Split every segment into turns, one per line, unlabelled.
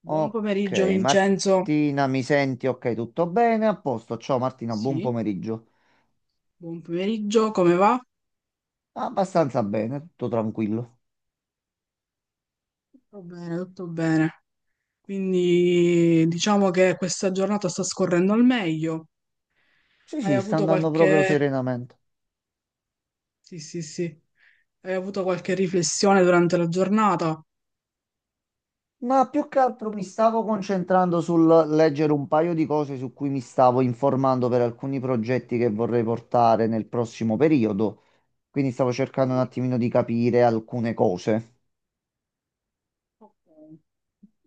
Buon
Ok,
pomeriggio Vincenzo.
Martina, mi senti? Ok, tutto bene? A posto. Ciao Martina, buon
Sì,
pomeriggio.
buon pomeriggio, come va?
Abbastanza bene, tutto tranquillo.
Tutto bene, tutto bene. Quindi diciamo che questa giornata sta scorrendo al meglio.
Sì,
Hai
sì, sta
avuto
andando
qualche...
proprio serenamente.
Sì, sì, sì. Hai avuto qualche riflessione durante la giornata?
Ma più che altro mi stavo concentrando sul leggere un paio di cose su cui mi stavo informando per alcuni progetti che vorrei portare nel prossimo periodo. Quindi stavo cercando un
Mhm.
attimino di capire alcune cose.
Ok.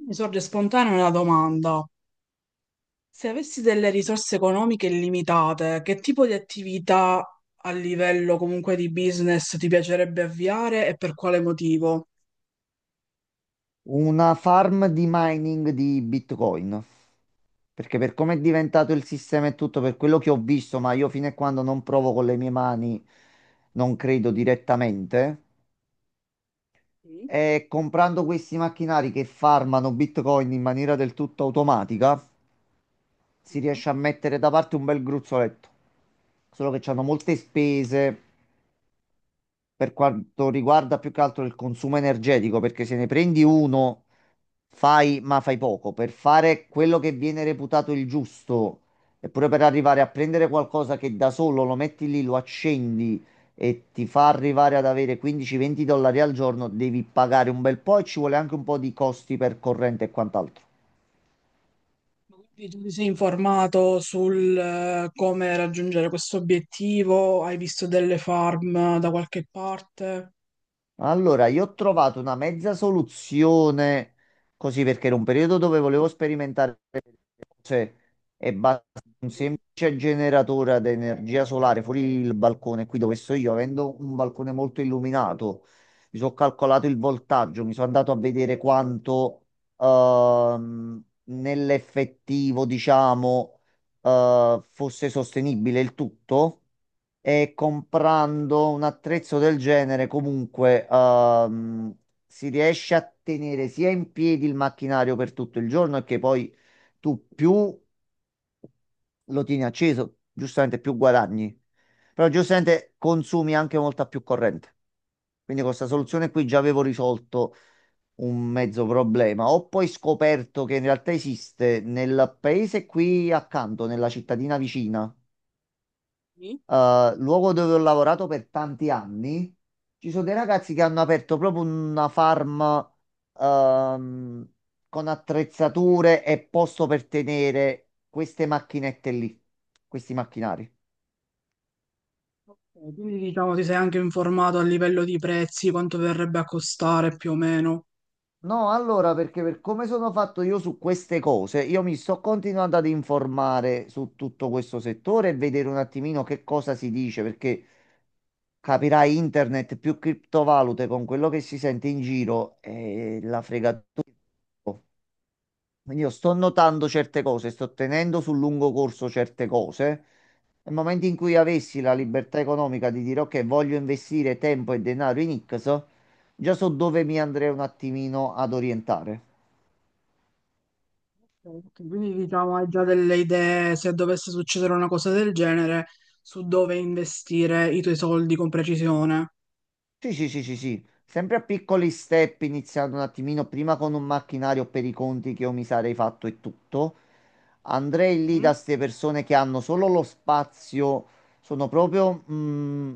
Mi sorge spontanea una domanda. Se avessi delle risorse economiche illimitate, che tipo di attività a livello comunque di business ti piacerebbe avviare e per quale motivo?
Una farm di mining di Bitcoin. Perché per come è diventato il sistema e tutto, per quello che ho visto, ma io fino a quando non provo con le mie mani, non credo direttamente,
Sì.
è comprando questi macchinari che farmano Bitcoin in maniera del tutto automatica, si
Mhm.
riesce a mettere da parte un bel gruzzoletto. Solo che hanno molte spese per quanto riguarda più che altro il consumo energetico, perché se ne prendi uno, fai, ma fai poco. Per fare quello che viene reputato il giusto, eppure per arrivare a prendere qualcosa che da solo lo metti lì, lo accendi e ti fa arrivare ad avere 15-20 dollari al giorno, devi pagare un bel po' e ci vuole anche un po' di costi per corrente e quant'altro.
Ma quindi tu ti sei informato sul come raggiungere questo obiettivo? Hai visto delle farm da qualche parte?
Allora, io ho trovato una mezza soluzione, così perché era un periodo dove volevo sperimentare cioè, e basta un semplice generatore ad energia solare fuori il balcone, qui dove sto io, avendo un balcone molto illuminato, mi sono calcolato il voltaggio, mi sono andato a vedere quanto nell'effettivo, diciamo, fosse sostenibile il tutto e comprando un attrezzo del genere comunque si riesce a tenere sia in piedi il macchinario per tutto il giorno e che poi tu più lo tieni acceso, giustamente più guadagni, però giustamente consumi anche molta più corrente. Quindi con questa soluzione qui già avevo risolto un mezzo problema. Ho poi scoperto che in realtà esiste nel paese qui accanto, nella cittadina vicina,
Sì.
luogo dove ho lavorato per tanti anni, ci sono dei ragazzi che hanno aperto proprio una farm ehm, con attrezzature e posto per tenere queste macchinette lì, questi macchinari.
Ok, quindi diciamo ti sei anche informato a livello di prezzi, quanto verrebbe a costare più o meno.
No, allora, perché per come sono fatto io su queste cose, io mi sto continuando ad informare su tutto questo settore e vedere un attimino che cosa si dice, perché capirai, internet più criptovalute con quello che si sente in giro e la fregatura. Quindi io sto notando certe cose, sto tenendo sul lungo corso certe cose. Nel momento in cui avessi la
Mhm.
libertà economica di dire ok, voglio investire tempo e denaro in X, già so dove mi andrei un attimino ad orientare.
Ok, quindi diciamo hai già delle idee se dovesse succedere una cosa del genere su dove investire i tuoi soldi con precisione.
Sì, sì, sì, sì, sì. Sempre a piccoli step, iniziando un attimino prima con un macchinario per i conti che io mi sarei fatto e tutto. Andrei lì da
Mhm.
queste persone che hanno solo lo spazio, sono proprio...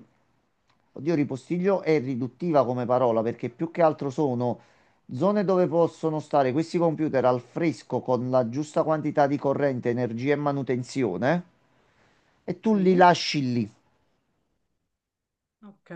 oddio, ripostiglio è riduttiva come parola perché più che altro sono zone dove possono stare questi computer al fresco con la giusta quantità di corrente, energia e manutenzione e tu li
Sì.
lasci lì.
Ok,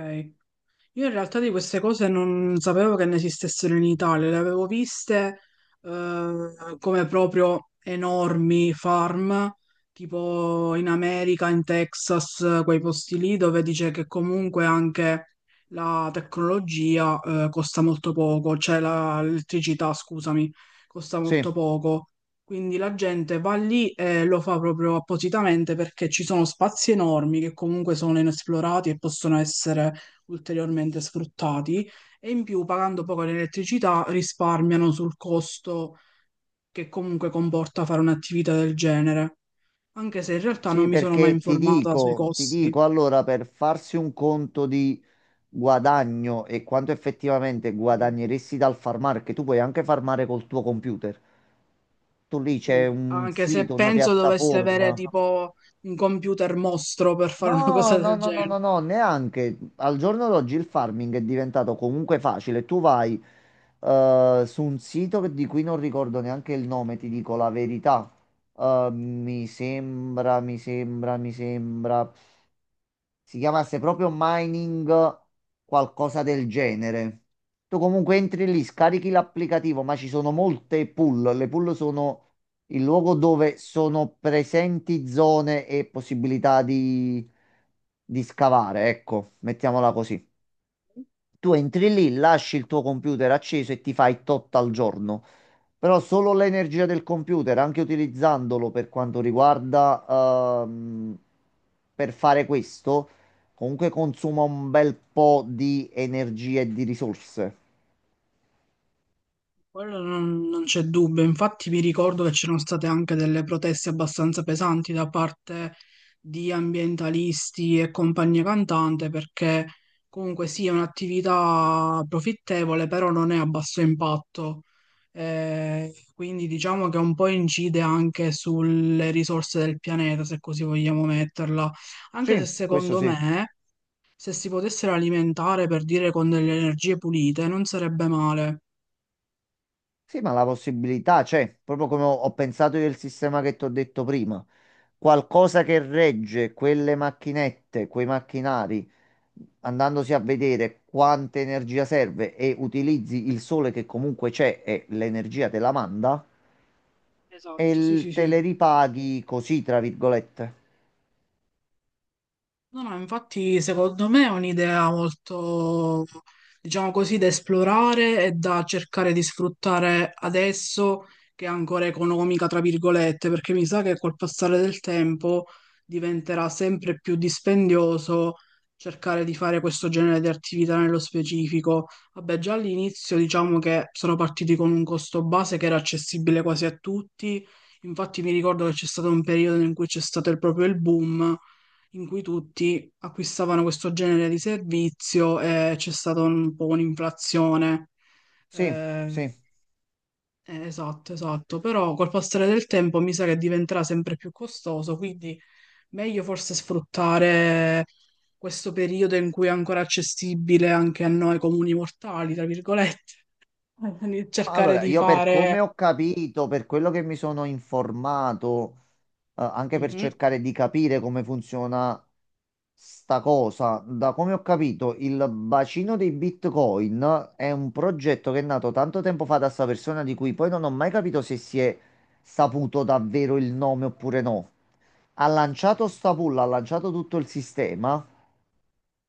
io in realtà di queste cose non sapevo che ne esistessero in Italia, le avevo viste eh, come proprio enormi farm, tipo in America, in Texas, quei posti lì dove dice che comunque anche la tecnologia costa molto poco, cioè l'elettricità, scusami, costa
Sì,
molto poco. Quindi la gente va lì e lo fa proprio appositamente perché ci sono spazi enormi che comunque sono inesplorati e possono essere ulteriormente sfruttati e in più pagando poco l'elettricità risparmiano sul costo che comunque comporta fare un'attività del genere, anche se in realtà non
sì,
mi sono mai
perché ti
informata sui
dico, ti
costi.
dico, allora per farsi un conto di... guadagno e quanto effettivamente
Mm,
guadagneresti dal farmare, che tu puoi anche farmare col tuo computer. Tu lì c'è
sì.
un
Anche se
sito, una
penso doveste avere
piattaforma.
tipo un computer mostro per fare una
No,
cosa
no,
del
no, no,
genere.
no, no, neanche. Al giorno d'oggi il farming è diventato comunque facile. Tu vai su un sito di cui non ricordo neanche il nome, ti dico la verità. Mi sembra si chiamasse proprio mining, qualcosa del genere. Tu comunque entri lì, scarichi l'applicativo, ma ci sono molte pool. Le pool sono il luogo dove sono presenti zone e possibilità di scavare, ecco, mettiamola così. Tu entri lì, lasci il tuo computer acceso e ti fai tot al giorno. Però solo l'energia del computer, anche utilizzandolo per quanto riguarda per fare questo, comunque consuma un bel po' di energia e di risorse.
Quello non c'è dubbio, infatti mi ricordo che c'erano state anche delle proteste abbastanza pesanti da parte di ambientalisti e compagnia cantante perché comunque sì è un'attività profittevole però non è a basso impatto, quindi diciamo che un po' incide anche sulle risorse del pianeta se così vogliamo metterla, anche se
Sì, questo
secondo
sì.
me se si potessero alimentare per dire con delle energie pulite non sarebbe male.
Sì, ma la possibilità c'è, proprio come ho pensato io il sistema che ti ho detto prima. Qualcosa che regge quelle macchinette, quei macchinari, andandosi a vedere quanta energia serve e utilizzi il sole che comunque c'è e l'energia te la manda e
Esatto, sì, sì,
te
sì.
le ripaghi così, tra virgolette.
No, no, infatti secondo me è un'idea molto, diciamo così, da esplorare e da cercare di sfruttare adesso che è ancora economica, tra virgolette, perché mi sa che col passare del tempo diventerà sempre più dispendioso cercare di fare questo genere di attività nello specifico. Vabbè, già all'inizio diciamo che sono partiti con un costo base che era accessibile quasi a tutti, infatti mi ricordo che c'è stato un periodo in cui c'è stato proprio il boom in cui tutti acquistavano questo genere di servizio e c'è stata un po' un'inflazione.
Sì,
Eh,
sì.
esatto, esatto. Però col passare del tempo mi sa che diventerà sempre più costoso, quindi meglio forse sfruttare questo periodo in cui è ancora accessibile anche a noi comuni mortali, tra virgolette. Quindi cercare
Allora,
di
io per come
fare...
ho capito, per quello che mi sono informato, anche per
Mhm.
cercare di capire come funziona sta cosa, da come ho capito, il bacino dei Bitcoin è un progetto che è nato tanto tempo fa da sta persona di cui poi non ho mai capito se si è saputo davvero il nome oppure no. Ha lanciato sta pool, ha lanciato tutto il sistema.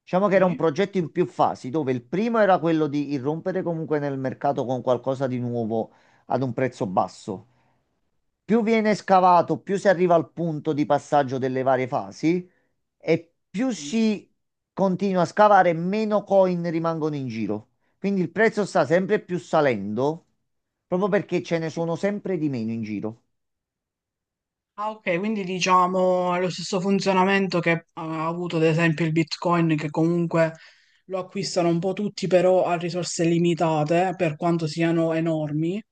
Diciamo che era un
Sì,
progetto in più fasi, dove il primo era quello di irrompere comunque nel mercato con qualcosa di nuovo ad un prezzo basso. Più viene scavato, più si arriva al punto di passaggio delle varie fasi e più
sì,
si continua a scavare, meno coin rimangono in giro. Quindi il prezzo sta sempre più salendo, proprio perché ce ne
sì.
sono sempre di meno in giro.
Ah, ok, quindi diciamo ha lo stesso funzionamento che ha avuto ad esempio il Bitcoin, che comunque lo acquistano un po' tutti, però a risorse limitate, per quanto siano enormi.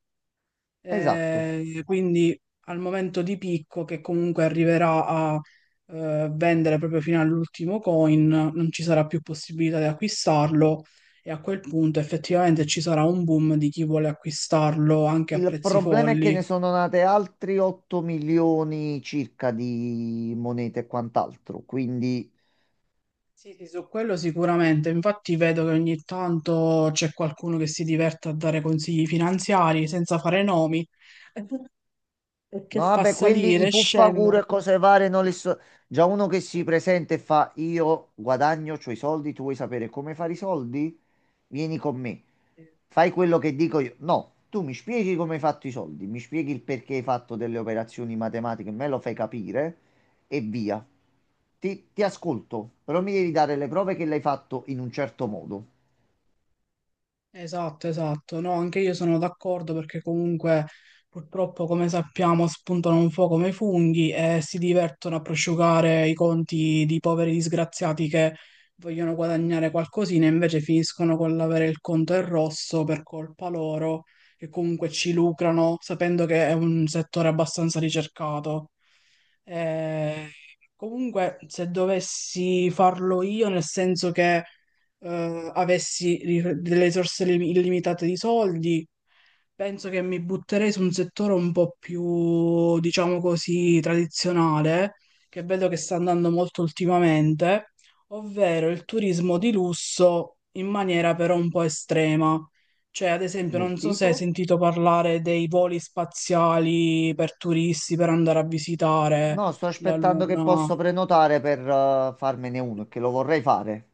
Esatto.
Quindi al momento di picco, che comunque arriverà a vendere proprio fino all'ultimo coin, non ci sarà più possibilità di acquistarlo e a quel punto effettivamente ci sarà un boom di chi vuole acquistarlo anche a
Il
prezzi
problema è che ne
folli.
sono nate altri 8 milioni circa di monete e quant'altro, quindi
Sì, sì, su quello sicuramente. Infatti vedo che ogni tanto c'è qualcuno che si diverte a dare consigli finanziari senza fare nomi e che
no,
fa
vabbè, quelli i
salire e
fuffaguru
scendere.
e cose varie non li so. Già uno che si presenta e fa io guadagno, c'ho i soldi, tu vuoi sapere come fare i soldi? Vieni con me. Fai quello che dico io. No, tu mi spieghi come hai fatto i soldi, mi spieghi il perché hai fatto delle operazioni matematiche, me lo fai capire e via. Ti ascolto, però mi devi dare le prove che l'hai fatto in un certo modo.
Esatto, esatto. No, anche io sono d'accordo perché comunque purtroppo, come sappiamo, spuntano un po' come i funghi e si divertono a prosciugare i conti di poveri disgraziati che vogliono guadagnare qualcosina e invece finiscono con l'avere il conto in rosso per colpa loro, che comunque ci lucrano, sapendo che è un settore abbastanza ricercato. Eh, Comunque, se dovessi farlo io, nel senso che avessi delle risorse illimitate di soldi, penso che mi butterei su un settore un po' più, diciamo così, tradizionale, che vedo che sta andando molto ultimamente, ovvero il turismo di lusso in maniera però un po' estrema. Cioè, ad esempio, non
Del
so se hai
tipo?
sentito parlare dei voli spaziali per turisti per andare a visitare
No, sto
la
aspettando che
Luna.
posso prenotare per farmene uno, che lo vorrei fare.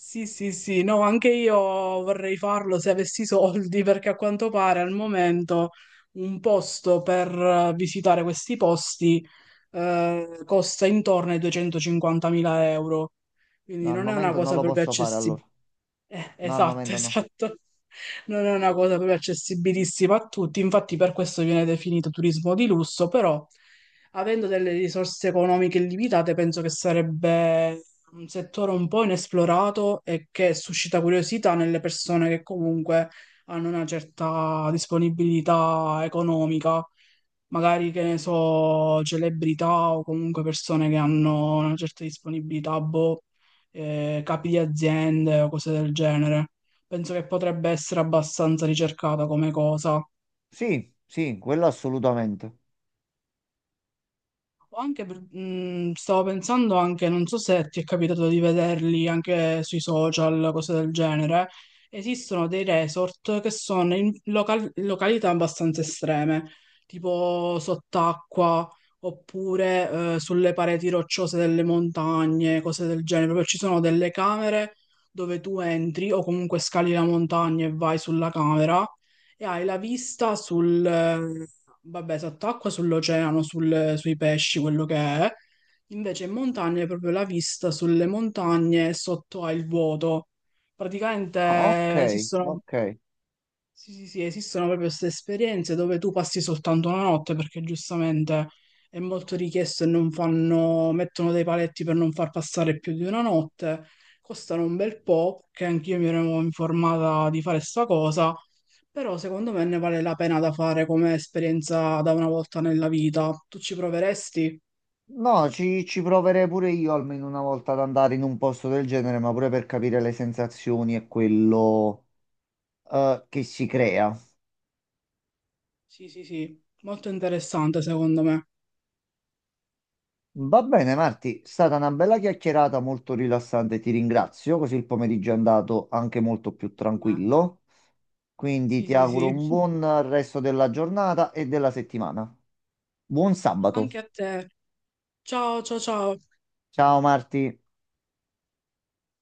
Sì, sì, sì, no, anche io vorrei farlo se avessi i soldi, perché a quanto pare al momento un posto per visitare questi posti costa intorno ai 250.000 euro, quindi
No, al
non è una
momento non
cosa
lo
proprio.
posso fare allora. No, al
Esatto,
momento no.
esatto. Non è una cosa proprio accessibilissima a tutti, infatti per questo viene definito turismo di lusso, però avendo delle risorse economiche limitate, penso che sarebbe un settore un po' inesplorato e che suscita curiosità nelle persone che comunque hanno una certa disponibilità economica magari che ne so, celebrità o comunque persone che hanno una certa disponibilità, boh, capi di aziende o cose del genere. Penso che potrebbe essere abbastanza ricercata come cosa.
Sì, sì, quello assolutamente.
O anche, stavo pensando anche, non so se ti è capitato di vederli anche sui social, cose del genere, esistono dei resort che sono in località abbastanza estreme, tipo sott'acqua oppure sulle pareti rocciose delle montagne, cose del genere. Proprio ci sono delle camere dove tu entri o comunque scali la montagna e vai sulla camera e hai la vista, vabbè, sott'acqua, sull'oceano, sui pesci, quello che è. Invece in montagna hai proprio la vista sulle montagne e sotto hai il vuoto.
Ah, ok,
Praticamente esistono.
ok.
Sì, sì, sì, esistono proprio queste esperienze dove tu passi soltanto una notte perché giustamente è molto richiesto e non fanno, mettono dei paletti per non far passare più di una notte, costano un bel po', che anch'io mi ero informata di fare sta cosa, però secondo me ne vale la pena da fare come esperienza da una volta nella vita. Tu ci proveresti?
No, ci proverei pure io almeno una volta ad andare in un posto del genere, ma pure per capire le sensazioni e quello che si crea.
Sì, sì, sì, molto interessante secondo me.
Va bene, Marti, è stata una bella chiacchierata molto rilassante, ti ringrazio, così il pomeriggio è andato anche molto più
Me.
tranquillo. Quindi
Sì,
ti
sì,
auguro
sì.
un buon resto della giornata e della settimana. Buon
Anche
sabato.
a te. Ciao, ciao, ciao.
Ciao Marti.